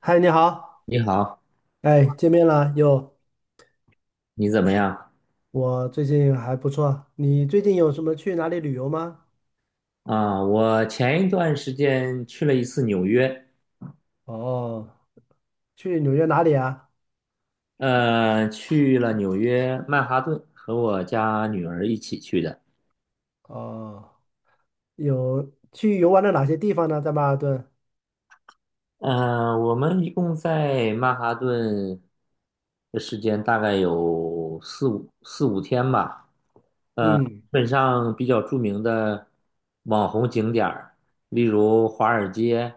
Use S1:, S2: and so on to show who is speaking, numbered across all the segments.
S1: 嗨，你好，
S2: 你好，
S1: 哎，见面了又，
S2: 你怎么样？
S1: 我最近还不错。你最近有什么去哪里旅游吗？
S2: 我前一段时间去了一次纽约，
S1: 哦，去纽约哪里啊？
S2: 去了纽约曼哈顿，和我家女儿一起去的。
S1: 哦，有去游玩了哪些地方呢？在曼哈顿？
S2: 嗯、我们一共在曼哈顿的时间大概有四五天吧。基
S1: 嗯，
S2: 本上比较著名的网红景点儿，例如华尔街、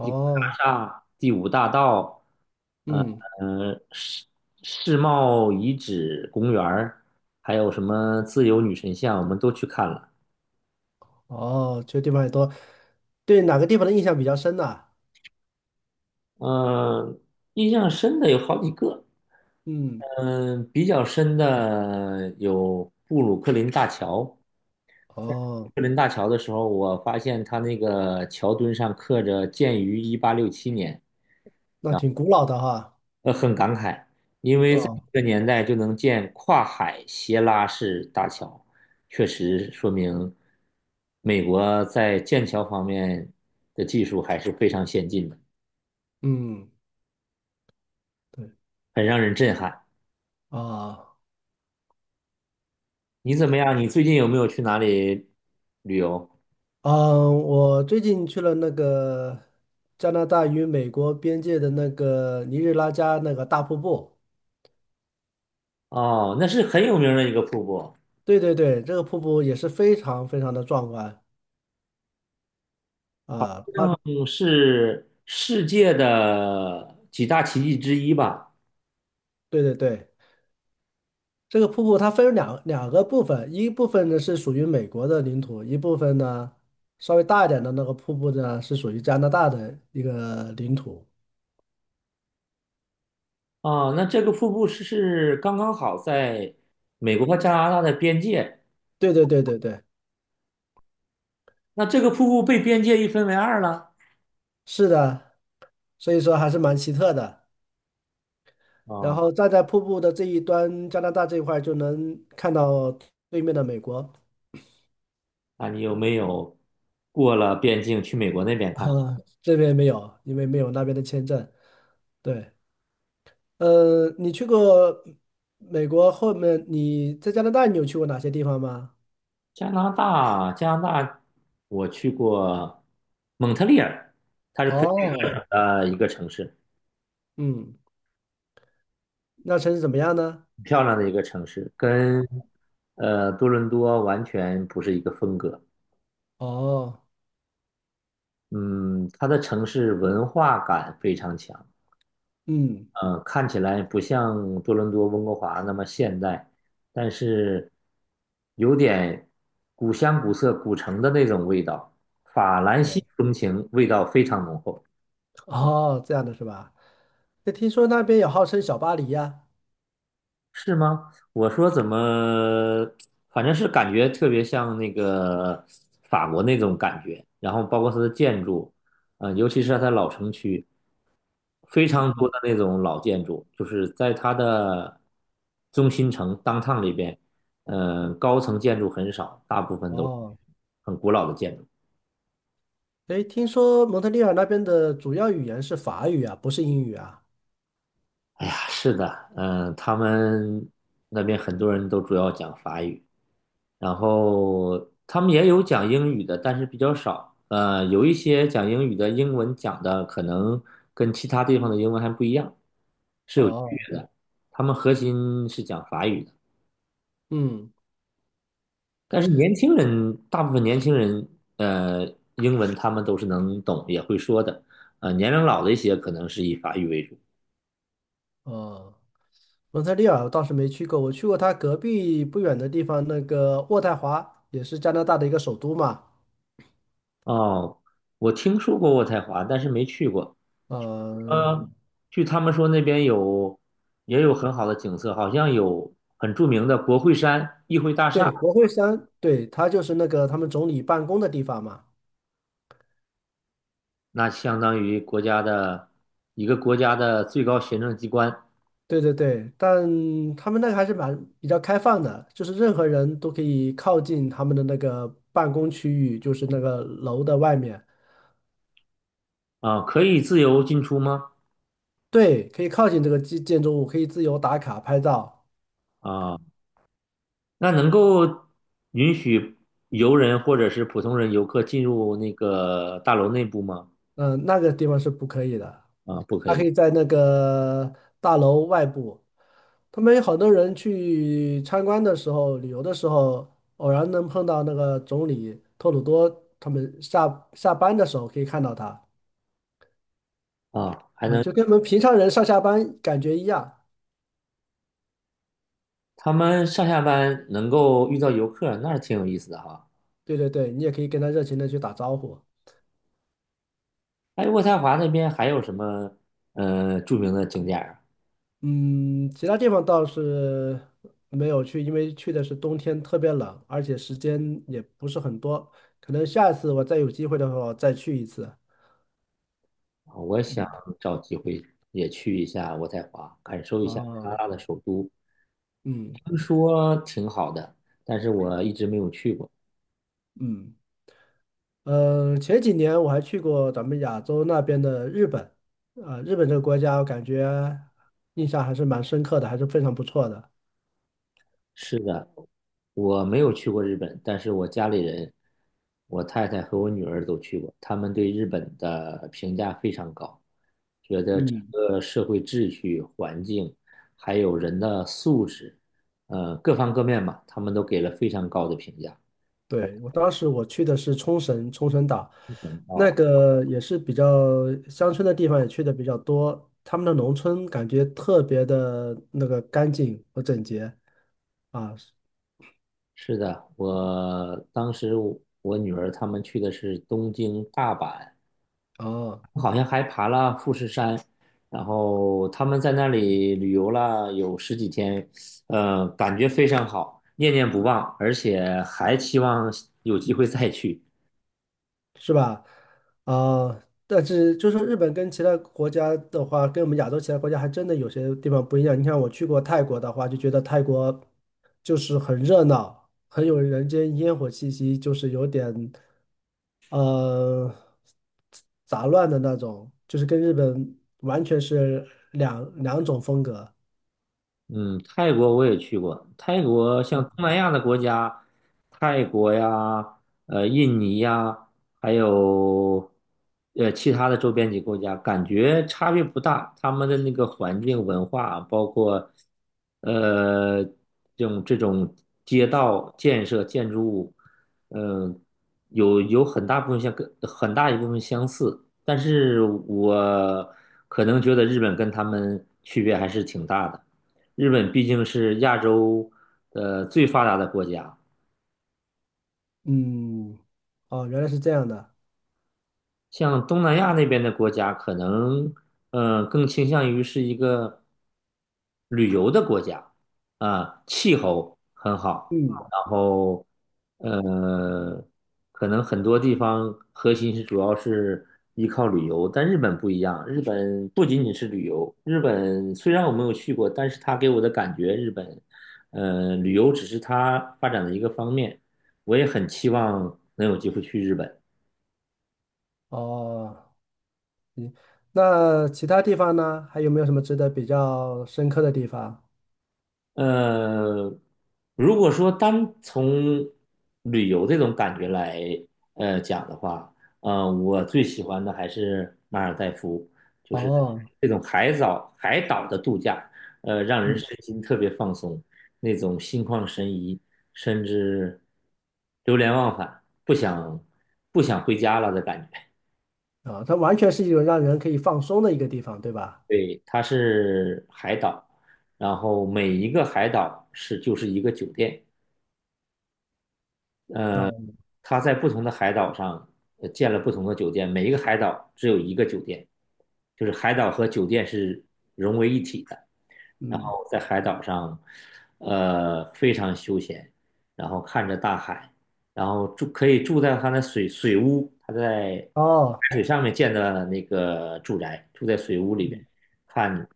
S2: 第五大厦、第五大道。
S1: 嗯，
S2: 呃，世世贸遗址公园儿，还有什么自由女神像，我们都去看了。
S1: 哦，这地方也多。对哪个地方的印象比较深呢？
S2: 嗯、印象深的有好几个。
S1: 嗯，
S2: 嗯、比较深的有布鲁克林大桥。布
S1: 哦，
S2: 鲁克林大桥的时候，我发现它那个桥墩上刻着“建于1867年”，
S1: 那挺古老的哈。
S2: 很感慨，因为在
S1: 哦，
S2: 这个年代就能建跨海斜拉式大桥，确实说明美国在建桥方面的技术还是非常先进的，
S1: 嗯，对，
S2: 很让人震撼。
S1: 啊。
S2: 你怎么样？你最近有没有去哪里旅游？
S1: 嗯，我最近去了那个加拿大与美国边界的那个尼日拉加那个大瀑布。
S2: 哦，那是很有名的一个瀑布，
S1: 对对对，这个瀑布也是非常非常的壮观啊！它
S2: 嗯，是世界的几大奇迹之一吧？
S1: 对对对，这个瀑布它分为两个部分，一部分呢是属于美国的领土，一部分呢稍微大一点的那个瀑布呢是属于加拿大的一个领土。
S2: 哦，那这个瀑布是刚刚好在美国和加拿大的边界。
S1: 对对对对对，
S2: 那这个瀑布被边界一分为二了。
S1: 是的，所以说还是蛮奇特的。然
S2: 啊，
S1: 后站在瀑布的这一端，加拿大这一块儿就能看到对面的美国，
S2: 那你有没有过了边境去美国那边
S1: 啊，
S2: 看看。
S1: 这边没有，因为没有那边的签证。对，你去过美国后面，你在加拿大你有去过哪些地方吗？
S2: 加拿大，加拿大，我去过蒙特利尔
S1: 哦，
S2: 一个城市，
S1: 嗯，那城市怎么样呢？
S2: 很漂亮的一个城市，跟多伦多完全不是一个风格。
S1: 哦，
S2: 嗯，它的城市文化感非常强，
S1: 嗯，
S2: 嗯，看起来不像多伦多、温哥华那么现代，但是有点古香古色、古城的那种味道，法兰西
S1: 对，
S2: 风情味道非常浓厚。
S1: 哦，这样的是吧？那听说那边也号称小巴黎呀？
S2: 是吗？我说怎么，反正是感觉特别像那个法国那种感觉，然后包括它的建筑，尤其是它老城区。非常多的那种老建筑，就是在它的中心城当 o 里边，高层建筑很少，大部分都是
S1: 哦，
S2: 很古老的建筑。
S1: 诶，听说蒙特利尔那边的主要语言是法语啊，不是英语啊？
S2: 哎呀，是的，嗯、他们那边很多人都主要讲法语，然后他们也有讲英语的，但是比较少。有一些讲英语的，英文讲的可能跟其他地方的英文还不一样，
S1: 哦，
S2: 他们核心是讲法语的。
S1: 嗯。
S2: 但是年轻人，大部分年轻人，呃，英文他们都是能懂，也会说的。年龄老的一些可能是以法语为主。
S1: 哦，蒙特利尔我倒是没去过，我去过它隔壁不远的地方，那个渥太华也是加拿大的一个首都嘛。
S2: 哦，我听说过渥太华，但是没去过。
S1: 嗯、
S2: 呃，据他们说那边有也有很好的景色，好像有很著名的国会山、议会大厦，
S1: 对，国会山，对，它就是那个他们总理办公的地方嘛。
S2: 那相当于国家的一个国家的最高行政机关。
S1: 对对对，但他们那个还是蛮比较开放的，就是任何人都可以靠近他们的那个办公区域，就是那个楼的外面，
S2: 啊，可以自由进出吗？
S1: 对，可以靠近这个建筑物，可以自由打卡拍照。
S2: 啊、那能够允许游人或者是普通人游客进入那个大楼内部吗？
S1: 那个地方是不可以的，
S2: 啊，不可
S1: 他可
S2: 以。
S1: 以在那个大楼外部。他们有好多人去参观的时候、旅游的时候，偶然能碰到那个总理托鲁多，他们下班的时候可以看到他
S2: 啊，还
S1: 啊，
S2: 能
S1: 就跟我们平常人上下班感觉一样。
S2: 他们上下班能够遇到游客，那是挺有意思的哈。
S1: 对对对，你也可以跟他热情的去打招呼。
S2: 哎，渥太华那边还有什么著名的景点儿。
S1: 嗯，其他地方倒是没有去，因为去的是冬天，特别冷，而且时间也不是很多。可能下次我再有机会的话，我再去一次。
S2: 啊？我想
S1: 嗯，
S2: 找机会也去一下渥太华，感受一下加拿
S1: 啊，
S2: 大的首都，
S1: 嗯
S2: 听说挺好的，但是我一直没有去过。
S1: 嗯，前几年我还去过咱们亚洲那边的日本，啊、日本这个国家，我感觉印象还是蛮深刻的，还是非常不错的。
S2: 是的，我没有去过日本，但是我家里人，我太太和我女儿都去过，他们对日本的评价非常高，觉得整
S1: 嗯。
S2: 个社会秩序、环境，还有人的素质，各方各面吧，他们都给了非常高的评价。
S1: 对，我当时我去的是冲绳，冲绳岛，
S2: 嗯，
S1: 那个也是比较乡村的地方，也去的比较多。他们的农村感觉特别的那个干净和整洁啊，
S2: 是的，我当时我女儿他们去的是东京、大阪，
S1: 哦，
S2: 好像还爬了富士山，然后他们在那里旅游了有十几天，感觉非常好，念念不忘，而且还期望有机会再去。
S1: 是吧？啊，但是就是日本跟其他国家的话，跟我们亚洲其他国家还真的有些地方不一样。你看我去过泰国的话，就觉得泰国就是很热闹，很有人间烟火气息，就是有点。呃，杂乱的那种，就是跟日本完全是两种风格。
S2: 嗯，泰国我也去过。泰国像东南亚的国家，泰国呀，印尼呀，还有其他的周边几个国家，感觉差别不大。他们的那个环境、文化啊，包括这种街道建设、建筑物，嗯、有很大部分像跟很大一部分相似，但是我可能觉得日本跟他们区别还是挺大的。日本毕竟是亚洲最发达的国家，
S1: 嗯，哦，原来是这样的。
S2: 像东南亚那边的国家，可能更倾向于是一个旅游的国家。啊、气候很好，
S1: 嗯，
S2: 然后呃，可能很多地方核心是主要是依靠旅游，但日本不一样，日本不仅仅是旅游，日本虽然我没有去过，但是它给我的感觉，日本旅游只是它发展的一个方面，我也很期望能有机会去日本。
S1: 哦，那其他地方呢？还有没有什么值得比较深刻的地方？
S2: 呃，如果说单从旅游这种感觉来讲的话，我最喜欢的还是马尔代夫，就是
S1: 哦，
S2: 这种海藻海岛的度假，让人
S1: 嗯，
S2: 身心特别放松，那种心旷神怡，甚至流连忘返，不想回家了的感觉。
S1: 啊，它完全是一种让人可以放松的一个地方，对吧？
S2: 对，它是海岛，然后每一个海岛是就是一个酒店。
S1: 啊，
S2: 呃，他在不同的海岛上建了不同的酒店，每一个海岛只有一个酒店，就是海岛和酒店是融为一体的。然
S1: 嗯，
S2: 后在海岛上，非常休闲，然后看着大海，然后住可以住在他的水屋，他在
S1: 哦，
S2: 海水上面建的那个住宅，住在水屋里边，
S1: 嗯
S2: 看，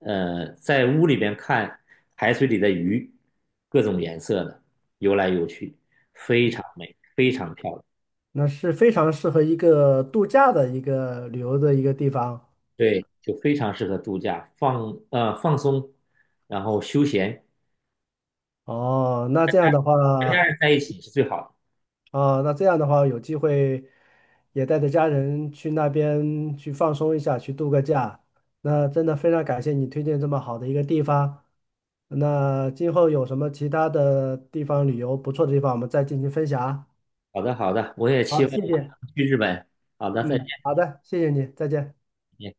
S2: 在屋里边看海水里的鱼，各种颜色的游来游去，非常
S1: 嗯，
S2: 美，非常漂亮，
S1: 那是非常适合一个度假的一个旅游的一个地方。
S2: 对，就非常适合度假，放松，然后休闲，
S1: 哦，那这样的
S2: 全家
S1: 话。
S2: 人在一起是最好的。
S1: 啊，那这样的话，有机会也带着家人去那边去放松一下，去度个假。那真的非常感谢你推荐这么好的一个地方。那今后有什么其他的地方旅游不错的地方，我们再进行分享啊。
S2: 好的，好的，我也期
S1: 好，
S2: 望
S1: 谢谢。
S2: 去日本。好的，再
S1: 嗯，好的，谢谢你，再见。
S2: 见。